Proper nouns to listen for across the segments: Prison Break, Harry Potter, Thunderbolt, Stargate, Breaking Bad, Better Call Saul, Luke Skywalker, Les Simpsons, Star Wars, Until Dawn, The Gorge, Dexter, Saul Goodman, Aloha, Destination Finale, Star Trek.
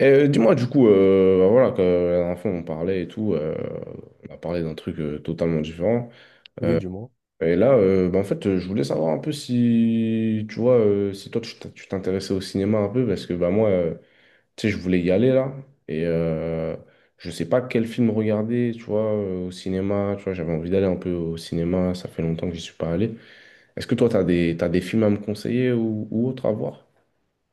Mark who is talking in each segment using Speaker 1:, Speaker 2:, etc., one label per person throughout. Speaker 1: Et dis-moi, du coup, voilà, que la dernière fois on parlait et tout, on a parlé d'un truc totalement différent.
Speaker 2: Oui, du moins.
Speaker 1: Et là, en fait, je voulais savoir un peu si, tu vois, si toi tu t'intéressais au cinéma un peu, parce que bah, moi, tu sais, je voulais y aller là, et je sais pas quel film regarder, tu vois, au cinéma, tu vois, j'avais envie d'aller un peu au cinéma, ça fait longtemps que j'y suis pas allé. Est-ce que toi, t'as des films à me conseiller ou autres à voir?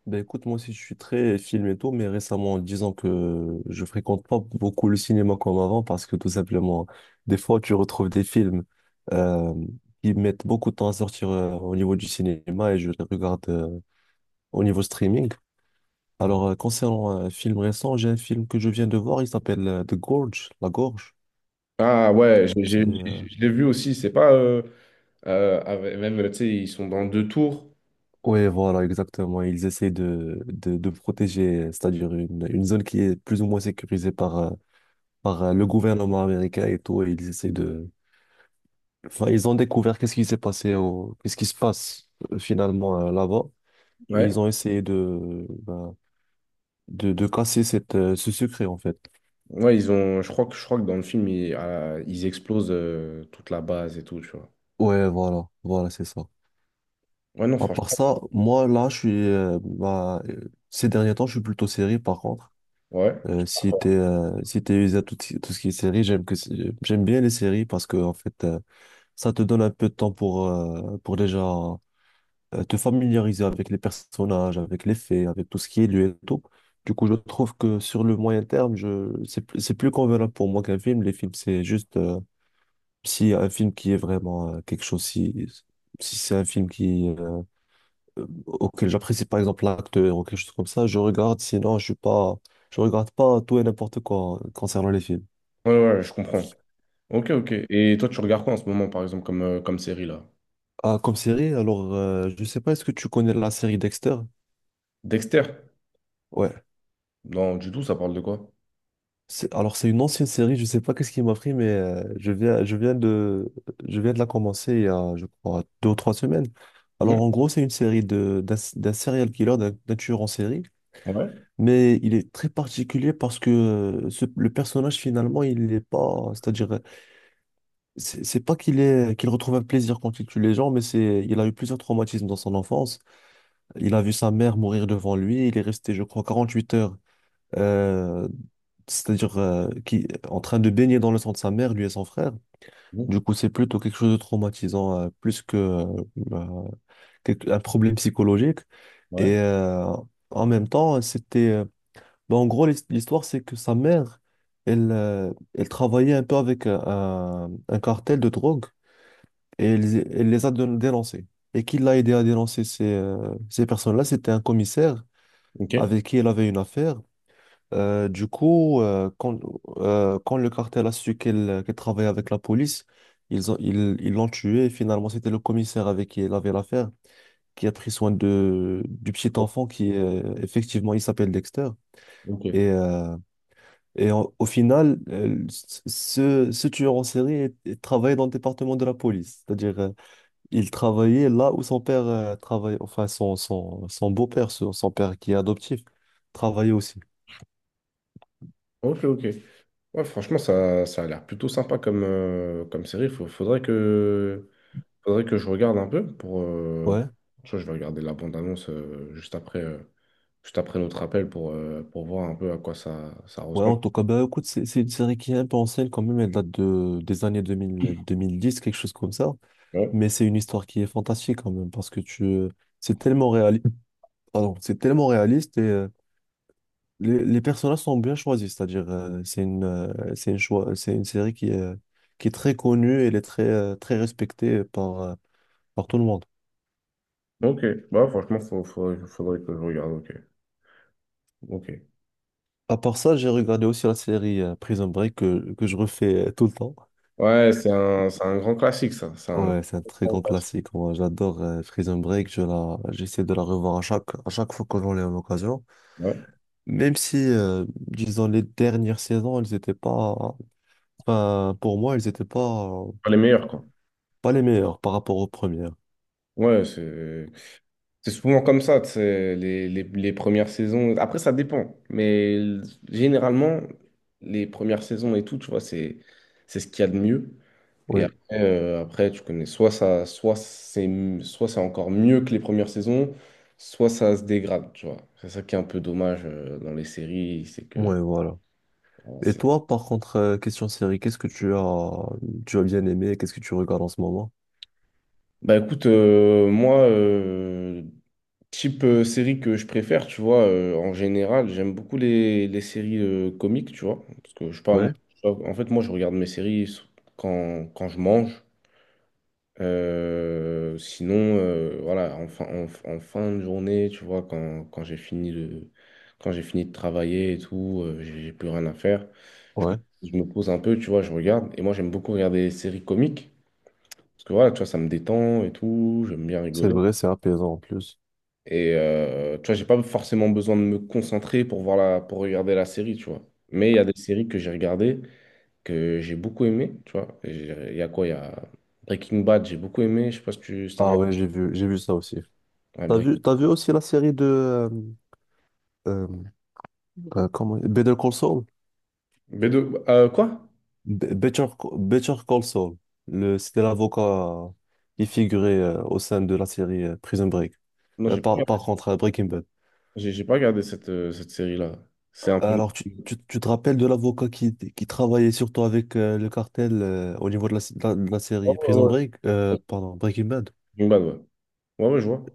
Speaker 2: Ben écoute, moi aussi je suis très film et tout, mais récemment, disons que je fréquente pas beaucoup le cinéma comme avant parce que tout simplement, des fois tu retrouves des films euh, qui mettent beaucoup de temps à sortir au niveau du cinéma et je les regarde au niveau streaming. Alors, concernant un film récent, j'ai un film que je viens de voir, il s'appelle The Gorge, La Gorge.
Speaker 1: Ah ouais,
Speaker 2: C'est, euh,
Speaker 1: je l'ai vu aussi, c'est pas... même, tu sais, ils sont dans deux tours.
Speaker 2: Oui, voilà, exactement. Ils essaient de protéger, c'est-à-dire une zone qui est plus ou moins sécurisée par le gouvernement américain et tout, et ils essaient de... Enfin, ils ont découvert qu'est-ce qui s'est passé, qu'est-ce qui se passe finalement là-bas, et
Speaker 1: Ouais.
Speaker 2: ils ont essayé ben, de casser ce secret, en fait.
Speaker 1: Ouais, ils ont, je crois que dans le film, ils explosent toute la base et tout, tu vois.
Speaker 2: Ouais, voilà, voilà, c'est ça.
Speaker 1: Ouais, non,
Speaker 2: À part
Speaker 1: franchement,
Speaker 2: ça, moi, là, ben, ces derniers temps, je suis plutôt série, par contre.
Speaker 1: ouais.
Speaker 2: Si t'es usé à tout, tout ce qui est série, j'aime bien les séries parce que en fait ça te donne un peu de temps pour déjà te familiariser avec les personnages, avec les faits, avec tout ce qui est lieu et tout. Du coup, je trouve que sur le moyen terme, c'est plus convenable pour moi qu'un film. Les films, c'est juste, si un film qui est vraiment quelque chose, si c'est un film auquel j'apprécie par exemple l'acteur ou quelque chose comme ça, je regarde. Sinon, je suis pas, je regarde pas tout et n'importe quoi concernant les films.
Speaker 1: Ouais, ouais, ouais, je comprends. Ok, ok. Et toi, tu regardes quoi en ce moment, par exemple, comme, comme série, là?
Speaker 2: Ah, comme série, alors, je sais pas, est-ce que tu connais la série Dexter?
Speaker 1: Dexter?
Speaker 2: Ouais.
Speaker 1: Non, du tout, ça parle de quoi?
Speaker 2: Alors, c'est une ancienne série, je sais pas qu'est-ce qui m'a pris, mais je viens de la commencer il y a, je crois, 2 ou 3 semaines.
Speaker 1: Mhm.
Speaker 2: Alors, en gros, c'est une série d'un serial killer, d'un tueur en série,
Speaker 1: Ouais.
Speaker 2: mais il est très particulier parce que le personnage, finalement, il n'est pas, c'est-à-dire, c'est pas qu'il retrouve un plaisir quand il tue les gens, mais c'est, il a eu plusieurs traumatismes dans son enfance. Il a vu sa mère mourir devant lui, il est resté, je crois, 48 heures euh, c'est-à-dire qui en train de baigner dans le sang de sa mère, lui et son frère. Du
Speaker 1: Mhm.
Speaker 2: coup, c'est plutôt quelque chose de traumatisant, plus que euh, un problème psychologique.
Speaker 1: Ouais.
Speaker 2: Et en même temps, c'était. Bah, en gros, l'histoire, c'est que sa mère, elle travaillait un peu avec un cartel de drogue et elle les a dénoncés. Et qui l'a aidé à dénoncer ces personnes-là, c'était un commissaire
Speaker 1: Ok.
Speaker 2: avec qui elle avait une affaire. Du coup, quand le cartel a su qu'elle travaillait avec la police, ils l'ont tué. Et finalement, c'était le commissaire avec qui il avait l'affaire qui a pris soin du petit enfant qui, effectivement, il s'appelle Dexter. Et,
Speaker 1: Ok.
Speaker 2: euh, et au final, ce tueur en série travaillait dans le département de la police. C'est-à-dire, il travaillait là où son père travaillait, enfin, son beau-père, son père qui est adoptif, travaillait aussi.
Speaker 1: Ok, ok. Ouais, franchement, ça a l'air plutôt sympa comme, comme série. Faudrait que je regarde un peu pour.
Speaker 2: Ouais.
Speaker 1: Je vais regarder la bande-annonce juste après notre appel pour voir un peu à quoi ça, ça
Speaker 2: Ouais,
Speaker 1: ressemble.
Speaker 2: en tout cas, bah, écoute, c'est une série qui est un peu ancienne quand même, elle date des années 2000, 2010, quelque chose comme ça.
Speaker 1: Ouais.
Speaker 2: Mais c'est une histoire qui est fantastique quand même, parce que c'est tellement réaliste, pardon, c'est tellement réaliste et les personnages sont bien choisis, c'est-à-dire c'est une choix, c'est une série qui est, très connue et elle est très respectée par tout le monde.
Speaker 1: Ok, bah franchement, faudrait que je regarde. Ok, ok.
Speaker 2: À part ça, j'ai regardé aussi la série Prison Break que je refais tout le temps.
Speaker 1: Ouais, c'est un grand classique, ça. C'est un
Speaker 2: Ouais, c'est un très
Speaker 1: grand
Speaker 2: grand
Speaker 1: classique.
Speaker 2: classique. Moi, j'adore Prison Break. J'essaie de la revoir à chaque fois que j'en ai l'occasion.
Speaker 1: Ouais.
Speaker 2: Même si, disons, les dernières saisons, elles étaient pas, enfin, pour moi, elles étaient pas,
Speaker 1: Pas les meilleurs, quoi.
Speaker 2: pas les meilleures par rapport aux premières.
Speaker 1: Ouais, c'est souvent comme ça, tu sais, les premières saisons. Après, ça dépend, mais généralement, les premières saisons et tout, tu vois, c'est ce qu'il y a de mieux. Et
Speaker 2: Oui.
Speaker 1: après, après, tu connais, soit c'est encore mieux que les premières saisons, soit ça se dégrade, tu vois. C'est ça qui est un peu dommage dans les séries, c'est que...
Speaker 2: Ouais, voilà.
Speaker 1: bon,
Speaker 2: Et toi, par contre, question série, qu'est-ce que tu as bien aimé? Qu'est-ce que tu regardes en ce moment?
Speaker 1: Bah écoute, type série que je préfère, tu vois, en général, j'aime beaucoup les séries comiques, tu vois. Parce que je sais pas, moi,
Speaker 2: Ouais,
Speaker 1: en fait, moi, je regarde mes séries quand je mange. Sinon, voilà, en fin de journée, tu vois, quand j'ai quand j'ai fini de travailler et tout, j'ai plus rien à faire. Je,
Speaker 2: ouais.
Speaker 1: me je me pose un peu, tu vois, je regarde. Et moi, j'aime beaucoup regarder des séries comiques. Parce que voilà, tu vois, ça me détend et tout, j'aime bien
Speaker 2: C'est
Speaker 1: rigoler.
Speaker 2: vrai, c'est apaisant en plus.
Speaker 1: Et tu vois, j'ai pas forcément besoin de me concentrer pour pour regarder la série, tu vois. Mais il y a des séries que j'ai regardées, que j'ai beaucoup aimées, tu vois. Il y a quoi? Il y a Breaking Bad, j'ai beaucoup aimé. Je sais pas si t'as
Speaker 2: Ah
Speaker 1: regardé.
Speaker 2: ouais, j'ai vu ça aussi. T'as
Speaker 1: Ouais,
Speaker 2: vu, t'as vu aussi la série euh, comment... Better Call Saul?
Speaker 1: B2, quoi?
Speaker 2: Be- Better, Better Call Saul. C'était l'avocat qui figurait au sein de la série Prison Break.
Speaker 1: Non,
Speaker 2: Euh, par, par contre, Breaking Bad.
Speaker 1: j'ai pas regardé cette, cette série-là. C'est un peu.
Speaker 2: Alors, tu te rappelles de l'avocat qui travaillait surtout avec le cartel au niveau de la série
Speaker 1: Oh,
Speaker 2: Prison
Speaker 1: ouais,
Speaker 2: Break,
Speaker 1: ouais.
Speaker 2: pardon, Breaking Bad?
Speaker 1: Breaking Bad, ouais. Ouais, ouais, je vois.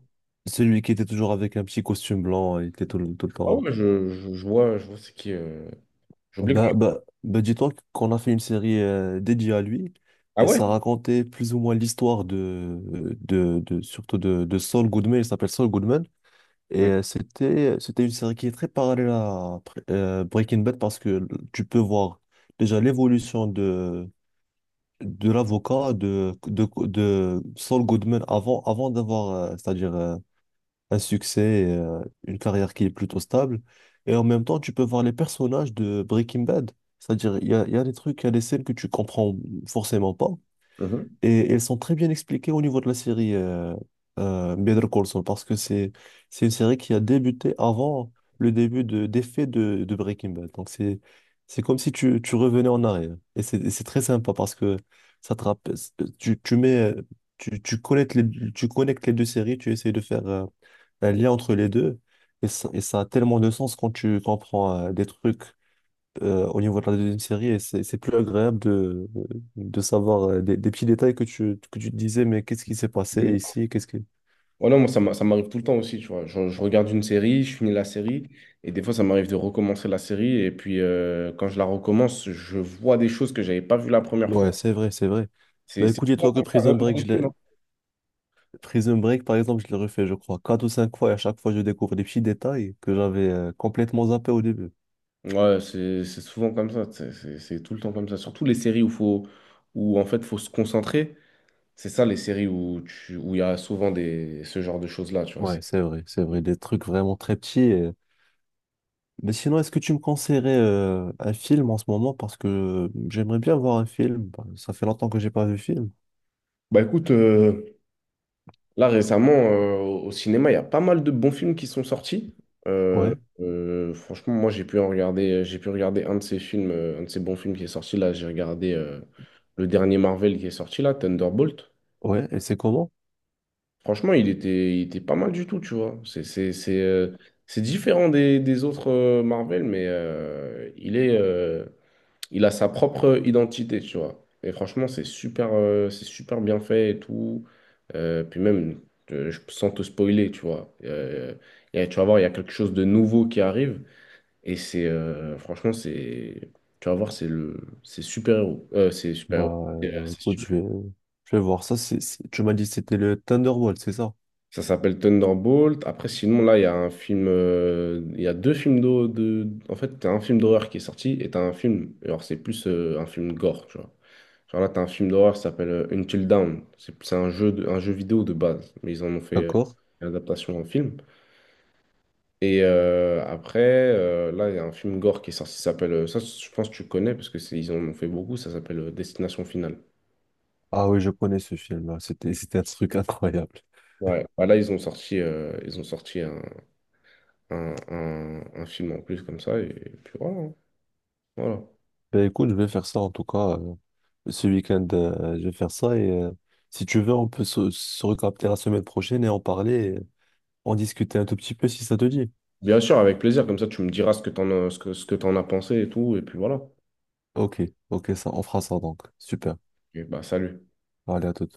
Speaker 2: Celui qui était toujours avec un petit costume blanc, il était tout le
Speaker 1: Ah
Speaker 2: temps.
Speaker 1: ouais, je vois c'est qui. J'oublie.
Speaker 2: Bah, dis-toi qu'on a fait une série dédiée à lui
Speaker 1: Ah
Speaker 2: et
Speaker 1: ouais?
Speaker 2: ça racontait plus ou moins l'histoire surtout de Saul Goodman, il s'appelle Saul Goodman et
Speaker 1: Mhm.
Speaker 2: c'était une série qui est très parallèle à Breaking Bad parce que tu peux voir déjà l'évolution de l'avocat de Saul Goodman avant d'avoir c'est-à-dire un succès, et une carrière qui est plutôt stable. Et en même temps, tu peux voir les personnages de Breaking Bad. C'est-à-dire, il y a des trucs, il y a des scènes que tu comprends forcément pas.
Speaker 1: Mhm.
Speaker 2: Et elles sont très bien expliquées au niveau de la série Better Call Saul, parce que c'est une série qui a débuté avant le début des faits de Breaking Bad. Donc, c'est comme si tu revenais en arrière. Et c'est très sympa parce que ça te rappelle, tu, tu mets, tu connectes les deux séries, tu essayes de faire. Un lien entre les deux. Et ça a tellement de sens quand tu comprends des trucs au niveau de la deuxième série. Et c'est plus agréable de savoir des petits détails que tu te disais, mais qu'est-ce qui s'est passé ici? Qu'est-ce qui...
Speaker 1: Oh non, moi, ça m'arrive tout le temps aussi, tu vois. Je regarde une série, je finis la série, et des fois, ça m'arrive de recommencer la série, et puis quand je la recommence, je vois des choses que j'avais pas vues la première fois.
Speaker 2: Ouais, c'est vrai, c'est vrai. Bah
Speaker 1: C'est
Speaker 2: écoute,
Speaker 1: souvent
Speaker 2: dis-toi que
Speaker 1: comme ça, même
Speaker 2: Prison
Speaker 1: dans
Speaker 2: Break,
Speaker 1: les
Speaker 2: je
Speaker 1: films.
Speaker 2: l'ai... Prison Break, par exemple, je l'ai refait, je crois, quatre ou cinq fois. Et à chaque fois, je découvre des petits détails que j'avais complètement zappés au début.
Speaker 1: Ouais, c'est souvent comme ça, c'est tout le temps comme ça. Surtout les séries où faut où en fait faut se concentrer. C'est ça les séries où tu où il y a souvent des ce genre de choses-là, tu vois.
Speaker 2: Ouais, c'est vrai, c'est vrai. Des trucs vraiment très petits. Mais sinon, est-ce que tu me conseillerais un film en ce moment? Parce que j'aimerais bien voir un film. Bah, ça fait longtemps que j'ai pas vu de film.
Speaker 1: Bah écoute, là récemment au cinéma, il y a pas mal de bons films qui sont sortis.
Speaker 2: Ouais,
Speaker 1: Franchement, moi j'ai pu regarder un de ces films, un de ces bons films qui est sorti là. J'ai regardé le dernier Marvel qui est sorti là, Thunderbolt.
Speaker 2: ouais. Et c'est comment?
Speaker 1: Franchement, il était pas mal du tout, tu vois. C'est différent des autres Marvel, mais il a sa propre identité, tu vois. Et franchement, c'est super bien fait et tout. Puis même, sans te spoiler, tu vois. Tu vas voir, il y a quelque chose de nouveau qui arrive. Franchement, c'est, tu vas voir, c'est super-héros. C'est
Speaker 2: Bah,
Speaker 1: super-héros. C'est
Speaker 2: écoute, je
Speaker 1: super.
Speaker 2: vais, je vais voir ça. Tu m'as dit que c'était le Thunderbolt, c'est ça?
Speaker 1: Ça s'appelle Thunderbolt. Après, sinon, là, il y a un film. Il y a deux films d'hor- de. En fait, t'as un film d'horreur qui est sorti et t'as un film. Alors, c'est plus un film gore, tu vois. Genre là, t'as un film d'horreur qui s'appelle Until Dawn. C'est un un jeu vidéo de base, mais ils en ont fait
Speaker 2: D'accord?
Speaker 1: une adaptation en film. Et après, là, il y a un film gore qui est sorti, ça s'appelle. Ça, je pense que tu connais parce que ils en ont fait beaucoup, ça s'appelle Destination Finale.
Speaker 2: Ah oui, je connais ce film, là. C'était un truc incroyable.
Speaker 1: Ouais, bah là ils ont sorti un film en plus comme ça, et puis voilà. hein. Voilà.
Speaker 2: Bah, écoute, je vais faire ça en tout cas. Ce week-end, je vais faire ça. Et si tu veux, on peut se recapter la semaine prochaine et en parler, et en discuter un tout petit peu si ça te dit.
Speaker 1: Bien sûr, avec plaisir. Comme ça, tu me diras ce que t'en as pensé et tout. Et puis voilà.
Speaker 2: Ok, ok, ça, on fera ça donc. Super.
Speaker 1: Et bah, salut.
Speaker 2: Allez, à tout.